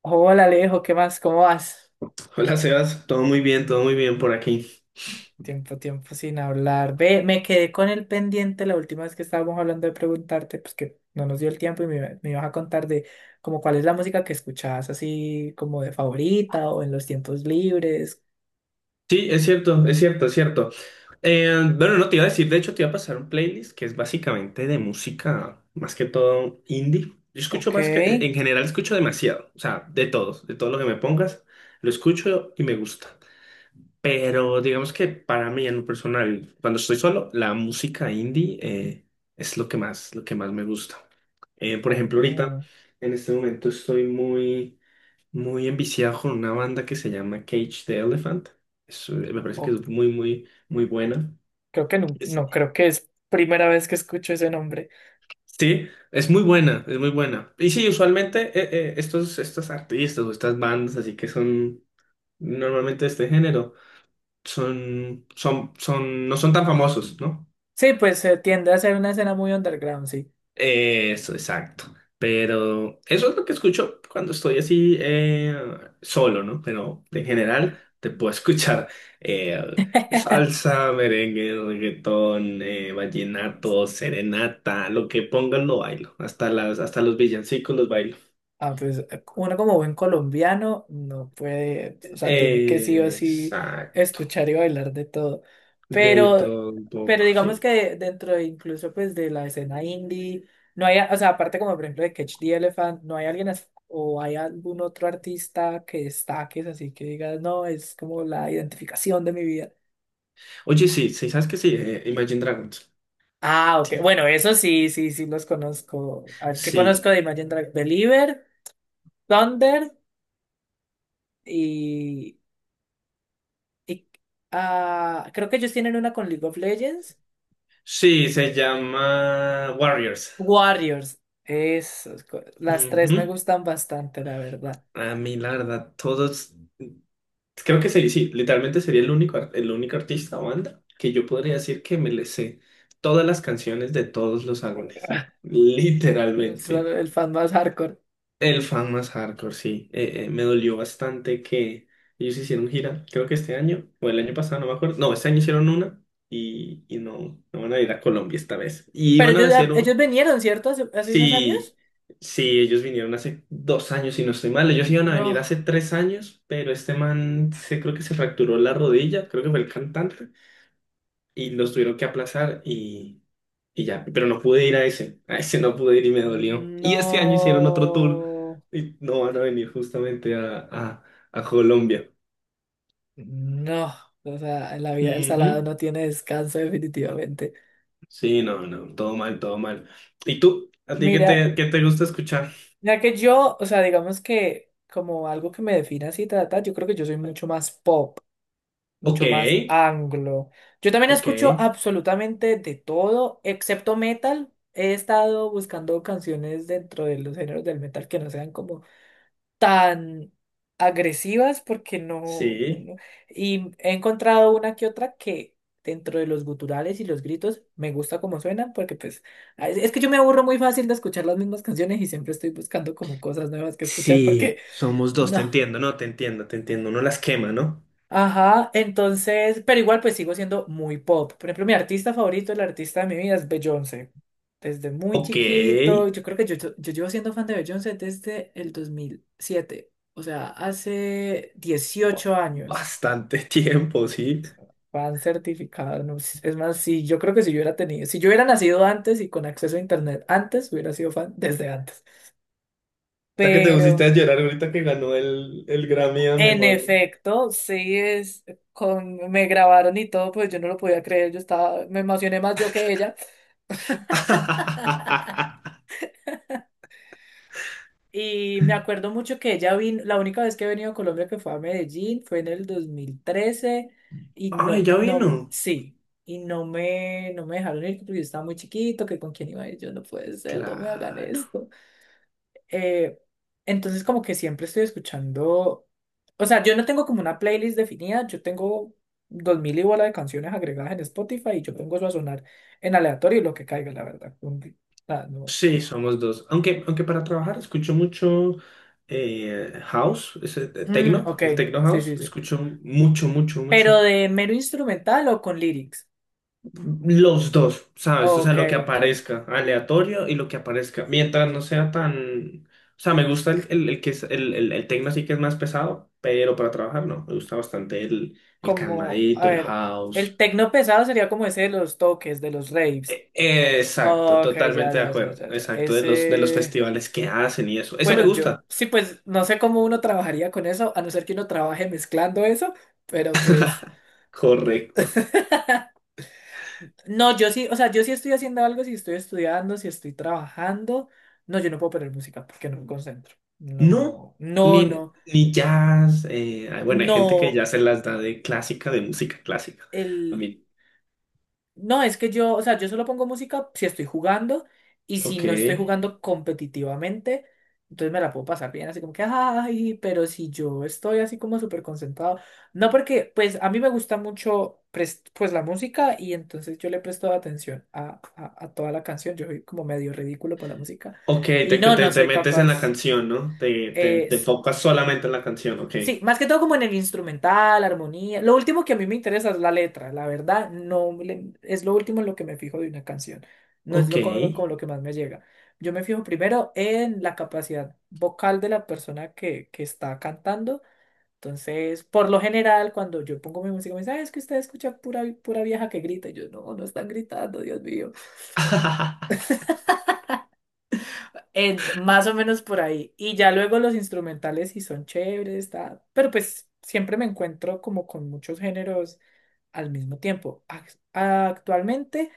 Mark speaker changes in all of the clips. Speaker 1: Hola Alejo, ¿qué más? ¿Cómo vas?
Speaker 2: Hola Sebas, todo muy bien por aquí.
Speaker 1: Tiempo, tiempo sin hablar. Ve, me quedé con el pendiente la última vez que estábamos hablando de preguntarte, pues que no nos dio el tiempo y me ibas a contar de como cuál es la música que escuchabas así como de favorita o en los tiempos libres.
Speaker 2: Sí, es cierto, es cierto, es cierto. Bueno, no te iba a decir, de hecho te iba a pasar un playlist que es básicamente de música, más que todo indie. Yo escucho
Speaker 1: Ok.
Speaker 2: en general escucho demasiado, o sea, de todo lo que me pongas, lo escucho y me gusta. Pero digamos que para mí en lo personal, cuando estoy solo, la música indie es lo que más me gusta. Por
Speaker 1: Oh,
Speaker 2: ejemplo, ahorita,
Speaker 1: no.
Speaker 2: en este momento estoy muy muy enviciado con una banda que se llama Cage the Elephant. Me parece que
Speaker 1: O-
Speaker 2: es muy, muy, muy buena.
Speaker 1: Creo que no,
Speaker 2: Es-
Speaker 1: no creo que es primera vez que escucho ese nombre.
Speaker 2: sí, es muy buena, es muy buena. Y sí, usualmente estos artistas o estas bandas así que son normalmente de este género, son, no son tan famosos, ¿no?
Speaker 1: Sí, pues tiende a ser una escena muy underground, sí.
Speaker 2: Eso, exacto. Pero eso es lo que escucho cuando estoy así solo, ¿no? Pero en general te puedo escuchar eh, salsa, merengue, reggaetón, vallenato, serenata, lo que pongan lo bailo. Hasta los villancicos los bailo.
Speaker 1: Ah, pues uno como buen colombiano no puede, o sea, tiene que sí o sí
Speaker 2: Exacto.
Speaker 1: escuchar y bailar de todo.
Speaker 2: De
Speaker 1: Pero,
Speaker 2: todo un
Speaker 1: pero
Speaker 2: poco,
Speaker 1: digamos
Speaker 2: sí.
Speaker 1: que dentro de incluso pues de la escena indie, no hay, o sea, aparte como por ejemplo de Catch the Elephant, no hay o hay algún otro artista que destaques así que digas, no, es como la identificación de mi vida.
Speaker 2: Oye, sí, sí, ¿sabes qué? Sí, Imagine Dragons.
Speaker 1: Ah, ok.
Speaker 2: Sí,
Speaker 1: Bueno, eso sí, sí, sí los conozco. A ver, ¿qué conozco
Speaker 2: sí,
Speaker 1: de Imagine Dragons? Believer, Thunder y creo que ellos tienen una con League of Legends.
Speaker 2: sí, se llama Warriors.
Speaker 1: Warriors. Esos, las tres me
Speaker 2: Ujú.
Speaker 1: gustan bastante, la verdad.
Speaker 2: A mí, la verdad, todos, creo que sí, sí, literalmente sería el único, el único artista o banda que yo podría decir que me le sé todas las canciones de todos los álbumes.
Speaker 1: Son
Speaker 2: Literalmente.
Speaker 1: el fan más hardcore.
Speaker 2: El fan más hardcore, sí. Me dolió bastante que ellos hicieron gira, creo que este año, o el año pasado, no me acuerdo. No, este año hicieron una y no, no van a ir a Colombia esta vez. Y
Speaker 1: Pero
Speaker 2: iban a hacer.
Speaker 1: ellos vinieron, ¿cierto? Hace unos años.
Speaker 2: Sí, sí, ellos vinieron hace 2 años, si no estoy mal. Ellos iban a venir
Speaker 1: No.
Speaker 2: hace 3 años, pero este man se creo que se fracturó la rodilla, creo que fue el cantante, y los tuvieron que aplazar y ya. Pero no pude ir a ese no pude ir y me dolió. Y este año hicieron otro tour
Speaker 1: No.
Speaker 2: y no van a venir justamente a Colombia.
Speaker 1: No. O sea, en la vida del salado
Speaker 2: Ujú.
Speaker 1: no tiene descanso definitivamente.
Speaker 2: Sí, no, no, todo mal, todo mal. ¿Y tú? ¿A ti
Speaker 1: Mira,
Speaker 2: qué te gusta escuchar?
Speaker 1: ya que yo, o sea, digamos que como algo que me define así, trata, yo creo que yo soy mucho más pop,
Speaker 2: Ok,
Speaker 1: mucho más anglo. Yo también
Speaker 2: ok,
Speaker 1: escucho absolutamente de todo, excepto metal. He estado buscando canciones dentro de los géneros del metal que no sean como tan agresivas porque no, no,
Speaker 2: sí.
Speaker 1: no. Y he encontrado una que otra que dentro de los guturales y los gritos me gusta como suenan porque pues es que yo me aburro muy fácil de escuchar las mismas canciones y siempre estoy buscando como cosas nuevas que escuchar porque
Speaker 2: Sí, somos dos, te
Speaker 1: no.
Speaker 2: entiendo, no, te entiendo, uno las quema, ¿no?
Speaker 1: Ajá, entonces, pero igual pues sigo siendo muy pop. Por ejemplo, mi artista favorito, el artista de mi vida es Beyoncé. Desde muy
Speaker 2: Ok,
Speaker 1: chiquito, yo creo que yo llevo siendo fan de Beyoncé desde el 2007, o sea, hace 18 años.
Speaker 2: bastante tiempo, sí.
Speaker 1: Fan certificado, no sé. Es más, si yo creo que si yo hubiera tenido, si yo hubiera nacido antes y con acceso a internet antes, hubiera sido fan desde antes.
Speaker 2: Hasta que te pusiste a
Speaker 1: Pero...
Speaker 2: llorar ahorita que ganó el Grammy a
Speaker 1: En
Speaker 2: mejor.
Speaker 1: efecto, sí es con me grabaron y todo, pues yo no lo podía creer, yo estaba, me emocioné más yo que ella. Y me acuerdo mucho que ella vino, la única vez que he venido a Colombia que fue a Medellín, fue en el 2013, y
Speaker 2: Ay,
Speaker 1: no,
Speaker 2: ya
Speaker 1: no,
Speaker 2: vino.
Speaker 1: sí, y no me dejaron ir porque yo estaba muy chiquito, que con quién iba a ir, yo no puede ser, no me hagan
Speaker 2: Claro.
Speaker 1: esto. Eh, entonces como que siempre estoy escuchando, o sea, yo no tengo como una playlist definida, yo tengo dos mil y bola de canciones agregadas en Spotify y yo pongo eso a sonar en aleatorio y lo que caiga, la verdad. No.
Speaker 2: Sí, somos dos. Aunque para trabajar escucho mucho house, ese,
Speaker 1: Mm,
Speaker 2: techno,
Speaker 1: ok,
Speaker 2: el techno
Speaker 1: sí,
Speaker 2: house,
Speaker 1: sí, sí.
Speaker 2: escucho mucho, mucho,
Speaker 1: Pero
Speaker 2: mucho.
Speaker 1: de mero instrumental o con lyrics.
Speaker 2: Los dos, ¿sabes? O sea,
Speaker 1: Ok,
Speaker 2: lo que
Speaker 1: ok.
Speaker 2: aparezca, aleatorio y lo que aparezca. Mientras no sea tan... O sea, me gusta el que es el techno sí que es más pesado, pero para trabajar no. Me gusta bastante el
Speaker 1: Como, a
Speaker 2: calmadito, el
Speaker 1: ver, el
Speaker 2: house.
Speaker 1: tecno pesado sería como ese de los toques, de los raves.
Speaker 2: Exacto,
Speaker 1: Ok, ya,
Speaker 2: totalmente de
Speaker 1: ya, ya,
Speaker 2: acuerdo.
Speaker 1: ya, ya.
Speaker 2: Exacto, de los
Speaker 1: Ese.
Speaker 2: festivales que hacen y eso. Ese me
Speaker 1: Bueno, yo
Speaker 2: gusta.
Speaker 1: sí, pues no sé cómo uno trabajaría con eso, a no ser que uno trabaje mezclando eso, pero pues...
Speaker 2: Correcto.
Speaker 1: No, yo sí, o sea, yo sí estoy haciendo algo, si estoy estudiando, si estoy trabajando. No, yo no puedo poner música porque no me concentro.
Speaker 2: No,
Speaker 1: No, no, no,
Speaker 2: ni jazz. Ay, bueno, hay gente que
Speaker 1: no.
Speaker 2: ya se las da de clásica, de música clásica. A
Speaker 1: El.
Speaker 2: mí.
Speaker 1: No, es que yo, o sea, yo solo pongo música si estoy jugando y si
Speaker 2: Ok.
Speaker 1: no estoy jugando competitivamente, entonces me la puedo pasar bien, así como que, ay, pero si yo estoy así como súper concentrado. No, porque pues a mí me gusta mucho pues la música y entonces yo le presto atención a toda la canción, yo soy como medio ridículo para la música
Speaker 2: Ok,
Speaker 1: y no, no
Speaker 2: te
Speaker 1: soy
Speaker 2: metes en la
Speaker 1: capaz.
Speaker 2: canción, ¿no?
Speaker 1: eh,
Speaker 2: Te enfocas solamente en la canción, ok.
Speaker 1: Sí, más que todo como en el instrumental, armonía. Lo último que a mí me interesa es la letra, la verdad, no le- es lo último en lo que me fijo de una canción. No es
Speaker 2: Ok.
Speaker 1: lo como, lo como lo que más me llega. Yo me fijo primero en la capacidad vocal de la persona que está cantando. Entonces, por lo general, cuando yo pongo mi música, me dicen, "Ay, es que usted escucha pura, pura vieja que grita". Y yo, no, no están gritando, Dios mío. Más o menos por ahí. Y ya luego los instrumentales sí son chéveres, pero pues siempre me encuentro como con muchos géneros al mismo tiempo. Actualmente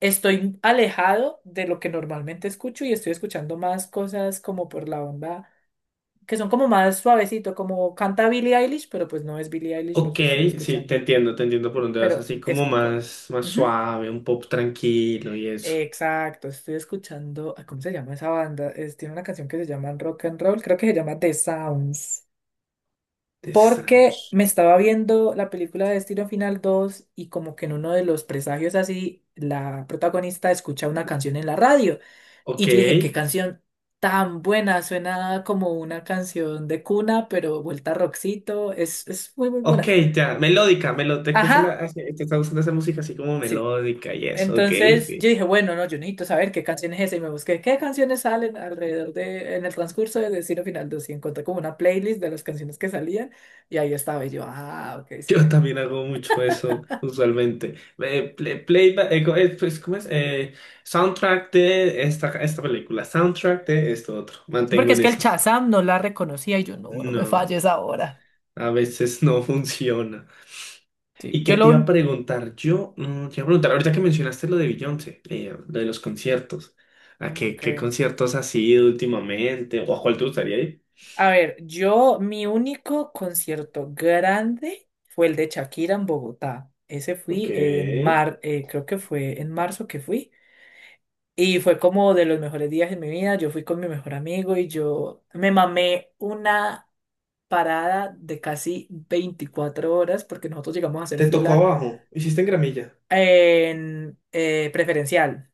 Speaker 1: estoy alejado de lo que normalmente escucho y estoy escuchando más cosas como por la onda, que son como más suavecito, como canta Billie Eilish, pero pues no es Billie Eilish lo
Speaker 2: Ok,
Speaker 1: que estoy
Speaker 2: sí,
Speaker 1: escuchando.
Speaker 2: te entiendo por dónde vas,
Speaker 1: Pero
Speaker 2: así
Speaker 1: eso,
Speaker 2: como
Speaker 1: como...
Speaker 2: más, más suave, un pop tranquilo y eso.
Speaker 1: Exacto, estoy escuchando, ¿cómo se llama esa banda? Tiene una canción que se llama Rock and Roll, creo que se llama The Sounds,
Speaker 2: The
Speaker 1: porque
Speaker 2: Strokes.
Speaker 1: me estaba viendo la película de Destino Final 2 y como que en uno de los presagios así, la protagonista escucha una canción en la radio y
Speaker 2: Ok,
Speaker 1: yo dije, qué canción tan buena, suena como una canción de cuna, pero vuelta a rockcito, es muy, muy
Speaker 2: ok,
Speaker 1: buena.
Speaker 2: ya, melódica, melódica, te usa la-
Speaker 1: Ajá.
Speaker 2: hace- te está gustando esa música así como
Speaker 1: Sí.
Speaker 2: melódica y eso, ok,
Speaker 1: Entonces
Speaker 2: ok.
Speaker 1: yo dije, bueno, no, yo necesito saber qué canción es esa y me busqué qué canciones salen alrededor de, en el transcurso de Destino Final 2 y encontré como una playlist de las canciones que salían y ahí estaba y yo, ah, ok, sí.
Speaker 2: Yo también hago mucho eso, usualmente. Play, play- co- pues, ¿cómo es? Soundtrack de esta, esta película, soundtrack de esto otro.
Speaker 1: Sí, porque
Speaker 2: Mantengo
Speaker 1: es
Speaker 2: en
Speaker 1: que el
Speaker 2: esas.
Speaker 1: Shazam no la reconocía y yo, no, no me
Speaker 2: No,
Speaker 1: falles ahora.
Speaker 2: a veces no funciona.
Speaker 1: Sí,
Speaker 2: ¿Y
Speaker 1: yo
Speaker 2: qué
Speaker 1: lo...
Speaker 2: te iba a
Speaker 1: un-.
Speaker 2: preguntar? Te iba a preguntar, ahorita que mencionaste lo de Beyoncé, lo de los conciertos. ¿A
Speaker 1: Mm,
Speaker 2: qué, qué
Speaker 1: ok.
Speaker 2: conciertos has ido últimamente? ¿O a cuál te gustaría ir?
Speaker 1: A ver, yo, mi único concierto grande fue el de Shakira en Bogotá. Ese
Speaker 2: Ok.
Speaker 1: fui en creo que fue en marzo que fui. Y fue como de los mejores días de mi vida. Yo fui con mi mejor amigo y yo me mamé una parada de casi 24 horas porque nosotros llegamos a hacer
Speaker 2: Te tocó
Speaker 1: fila
Speaker 2: abajo. Hiciste en gramilla.
Speaker 1: en preferencial.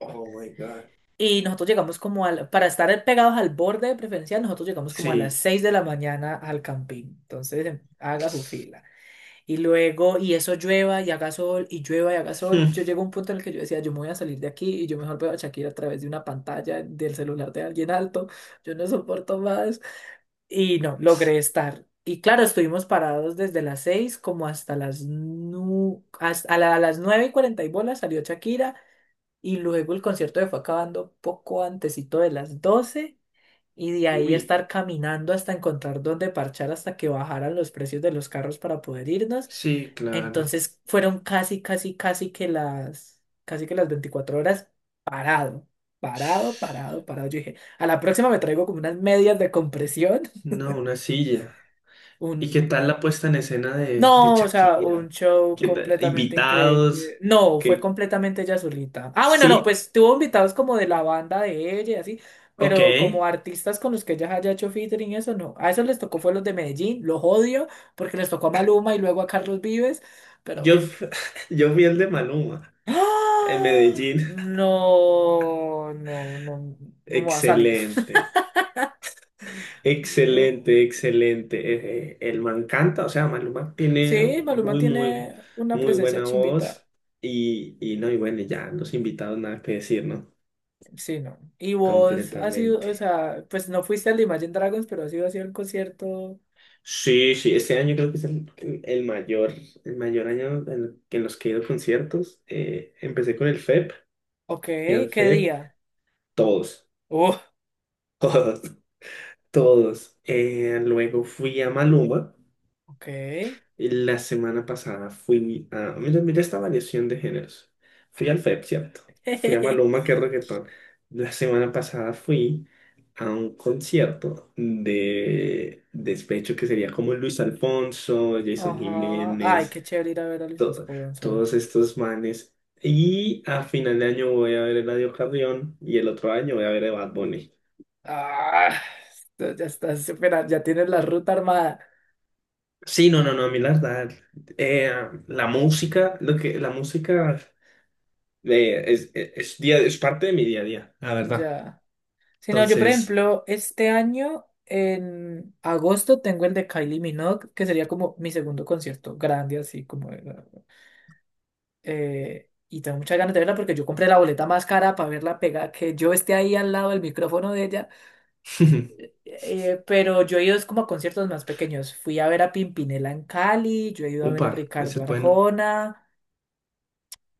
Speaker 2: Oh my God.
Speaker 1: Y nosotros llegamos como para estar pegados al borde de preferencial, nosotros llegamos como a las
Speaker 2: Sí.
Speaker 1: 6 de la mañana al camping. Entonces, haga su fila. Y luego, y eso llueva y haga sol, y llueva y haga sol. Yo llego a un punto en el que yo decía, yo me voy a salir de aquí y yo mejor veo a Shakira a través de una pantalla del celular de alguien alto. Yo no soporto más. Y no, logré estar. Y claro, estuvimos parados desde las 6 como hasta las, nu hasta a la- a las 9 y 40 y bolas salió Shakira. Y luego el concierto se fue acabando poco antesito de las 12. Y de ahí
Speaker 2: Uy.
Speaker 1: estar caminando hasta encontrar dónde parchar hasta que bajaran los precios de los carros para poder irnos.
Speaker 2: Sí, claro.
Speaker 1: Entonces fueron casi, casi, casi que casi que las 24 horas, parado, parado, parado, parado. Yo dije, a la próxima me traigo como unas medias de compresión,
Speaker 2: No, una silla. ¿Y qué
Speaker 1: un...
Speaker 2: tal la puesta en escena de
Speaker 1: No, o sea, un
Speaker 2: Shakira?
Speaker 1: show
Speaker 2: ¿Qué tal?
Speaker 1: completamente increíble.
Speaker 2: Invitados,
Speaker 1: No, fue
Speaker 2: que
Speaker 1: completamente ella solita. Ah, bueno, no,
Speaker 2: sí,
Speaker 1: pues tuvo invitados como de la banda de ella y así,
Speaker 2: ok.
Speaker 1: pero como artistas con los que ella haya hecho featuring, y eso no. A eso les tocó fue los de Medellín, los odio, porque les tocó a Maluma y luego a Carlos Vives, pero
Speaker 2: Yo,
Speaker 1: bueno.
Speaker 2: yo fui el de Maluma en
Speaker 1: ¡Ah!
Speaker 2: Medellín.
Speaker 1: No, no, no, no me va a salir.
Speaker 2: Excelente,
Speaker 1: No.
Speaker 2: excelente, excelente. El man canta, o sea, Maluma tiene
Speaker 1: Sí, Maluma
Speaker 2: muy, muy,
Speaker 1: tiene una
Speaker 2: muy
Speaker 1: presencia
Speaker 2: buena voz.
Speaker 1: chimbita.
Speaker 2: Y no, Y bueno, ya los invitados nada que decir, ¿no?
Speaker 1: Sí, no. Y vos has sido, o
Speaker 2: Completamente.
Speaker 1: sea, pues no fuiste al de Imagine Dragons, pero has ido así al concierto.
Speaker 2: Sí, sí, este año creo que es el mayor año en, en los que he ido a conciertos. Empecé con el FEP,
Speaker 1: Ok,
Speaker 2: fui al
Speaker 1: ¿qué
Speaker 2: FEP,
Speaker 1: día?
Speaker 2: todos,
Speaker 1: Uh,
Speaker 2: todos, todos. Luego fui a Maluma,
Speaker 1: ok.
Speaker 2: y la semana pasada fui a, mira, mira esta variación de géneros. Fui al FEP, ¿cierto? Fui a Maluma, que es reggaetón. La semana pasada fui a un concierto de despecho que sería como Luis Alfonso, Jason
Speaker 1: Ajá. Ay,
Speaker 2: Jiménez.
Speaker 1: qué chévere ir a ver a Luis
Speaker 2: to-
Speaker 1: Vasco Gonzo.
Speaker 2: Todos estos manes. Y a final de año voy a ver el Eladio Carrión y el otro año voy a ver a Bad Bunny.
Speaker 1: Ah, ya tienes la ruta armada.
Speaker 2: Sí, no, no, no, a mí la verdad, eh, la música es día, es parte de mi día a día, la verdad.
Speaker 1: Ya. Si no, yo por
Speaker 2: Entonces,
Speaker 1: ejemplo, este año en agosto tengo el de Kylie Minogue, que sería como mi segundo concierto grande, así como... y tengo muchas ganas de verla porque yo compré la boleta más cara para verla pegada, que yo esté ahí al lado del micrófono de ella. Pero yo he ido es como a conciertos más pequeños. Fui a ver a Pimpinela en Cali, yo he ido a ver a
Speaker 2: upa, ese
Speaker 1: Ricardo
Speaker 2: es bueno.
Speaker 1: Arjona.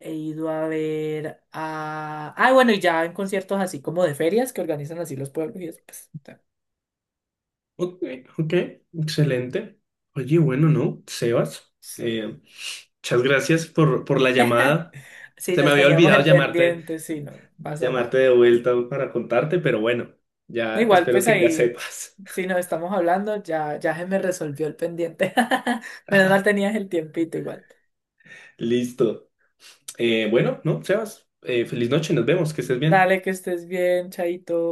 Speaker 1: He ido a ver a... Ah, bueno, y ya en conciertos así como de ferias que organizan así los pueblos y después...
Speaker 2: Ok, ok, excelente. Oye, bueno, ¿no? Sebas, muchas gracias por la llamada.
Speaker 1: Si
Speaker 2: Se me
Speaker 1: nos
Speaker 2: había
Speaker 1: teníamos
Speaker 2: olvidado
Speaker 1: el pendiente, sí, no pasa
Speaker 2: llamarte
Speaker 1: nada.
Speaker 2: de vuelta para contarte, pero bueno,
Speaker 1: No,
Speaker 2: ya
Speaker 1: igual,
Speaker 2: espero
Speaker 1: pues
Speaker 2: que ya
Speaker 1: ahí,
Speaker 2: sepas.
Speaker 1: si nos estamos hablando, ya, ya se me resolvió el pendiente. Menos mal tenías el tiempito igual.
Speaker 2: Listo. Bueno, no, Sebas, feliz noche, nos vemos, que estés bien.
Speaker 1: Dale, que estés bien, chaito.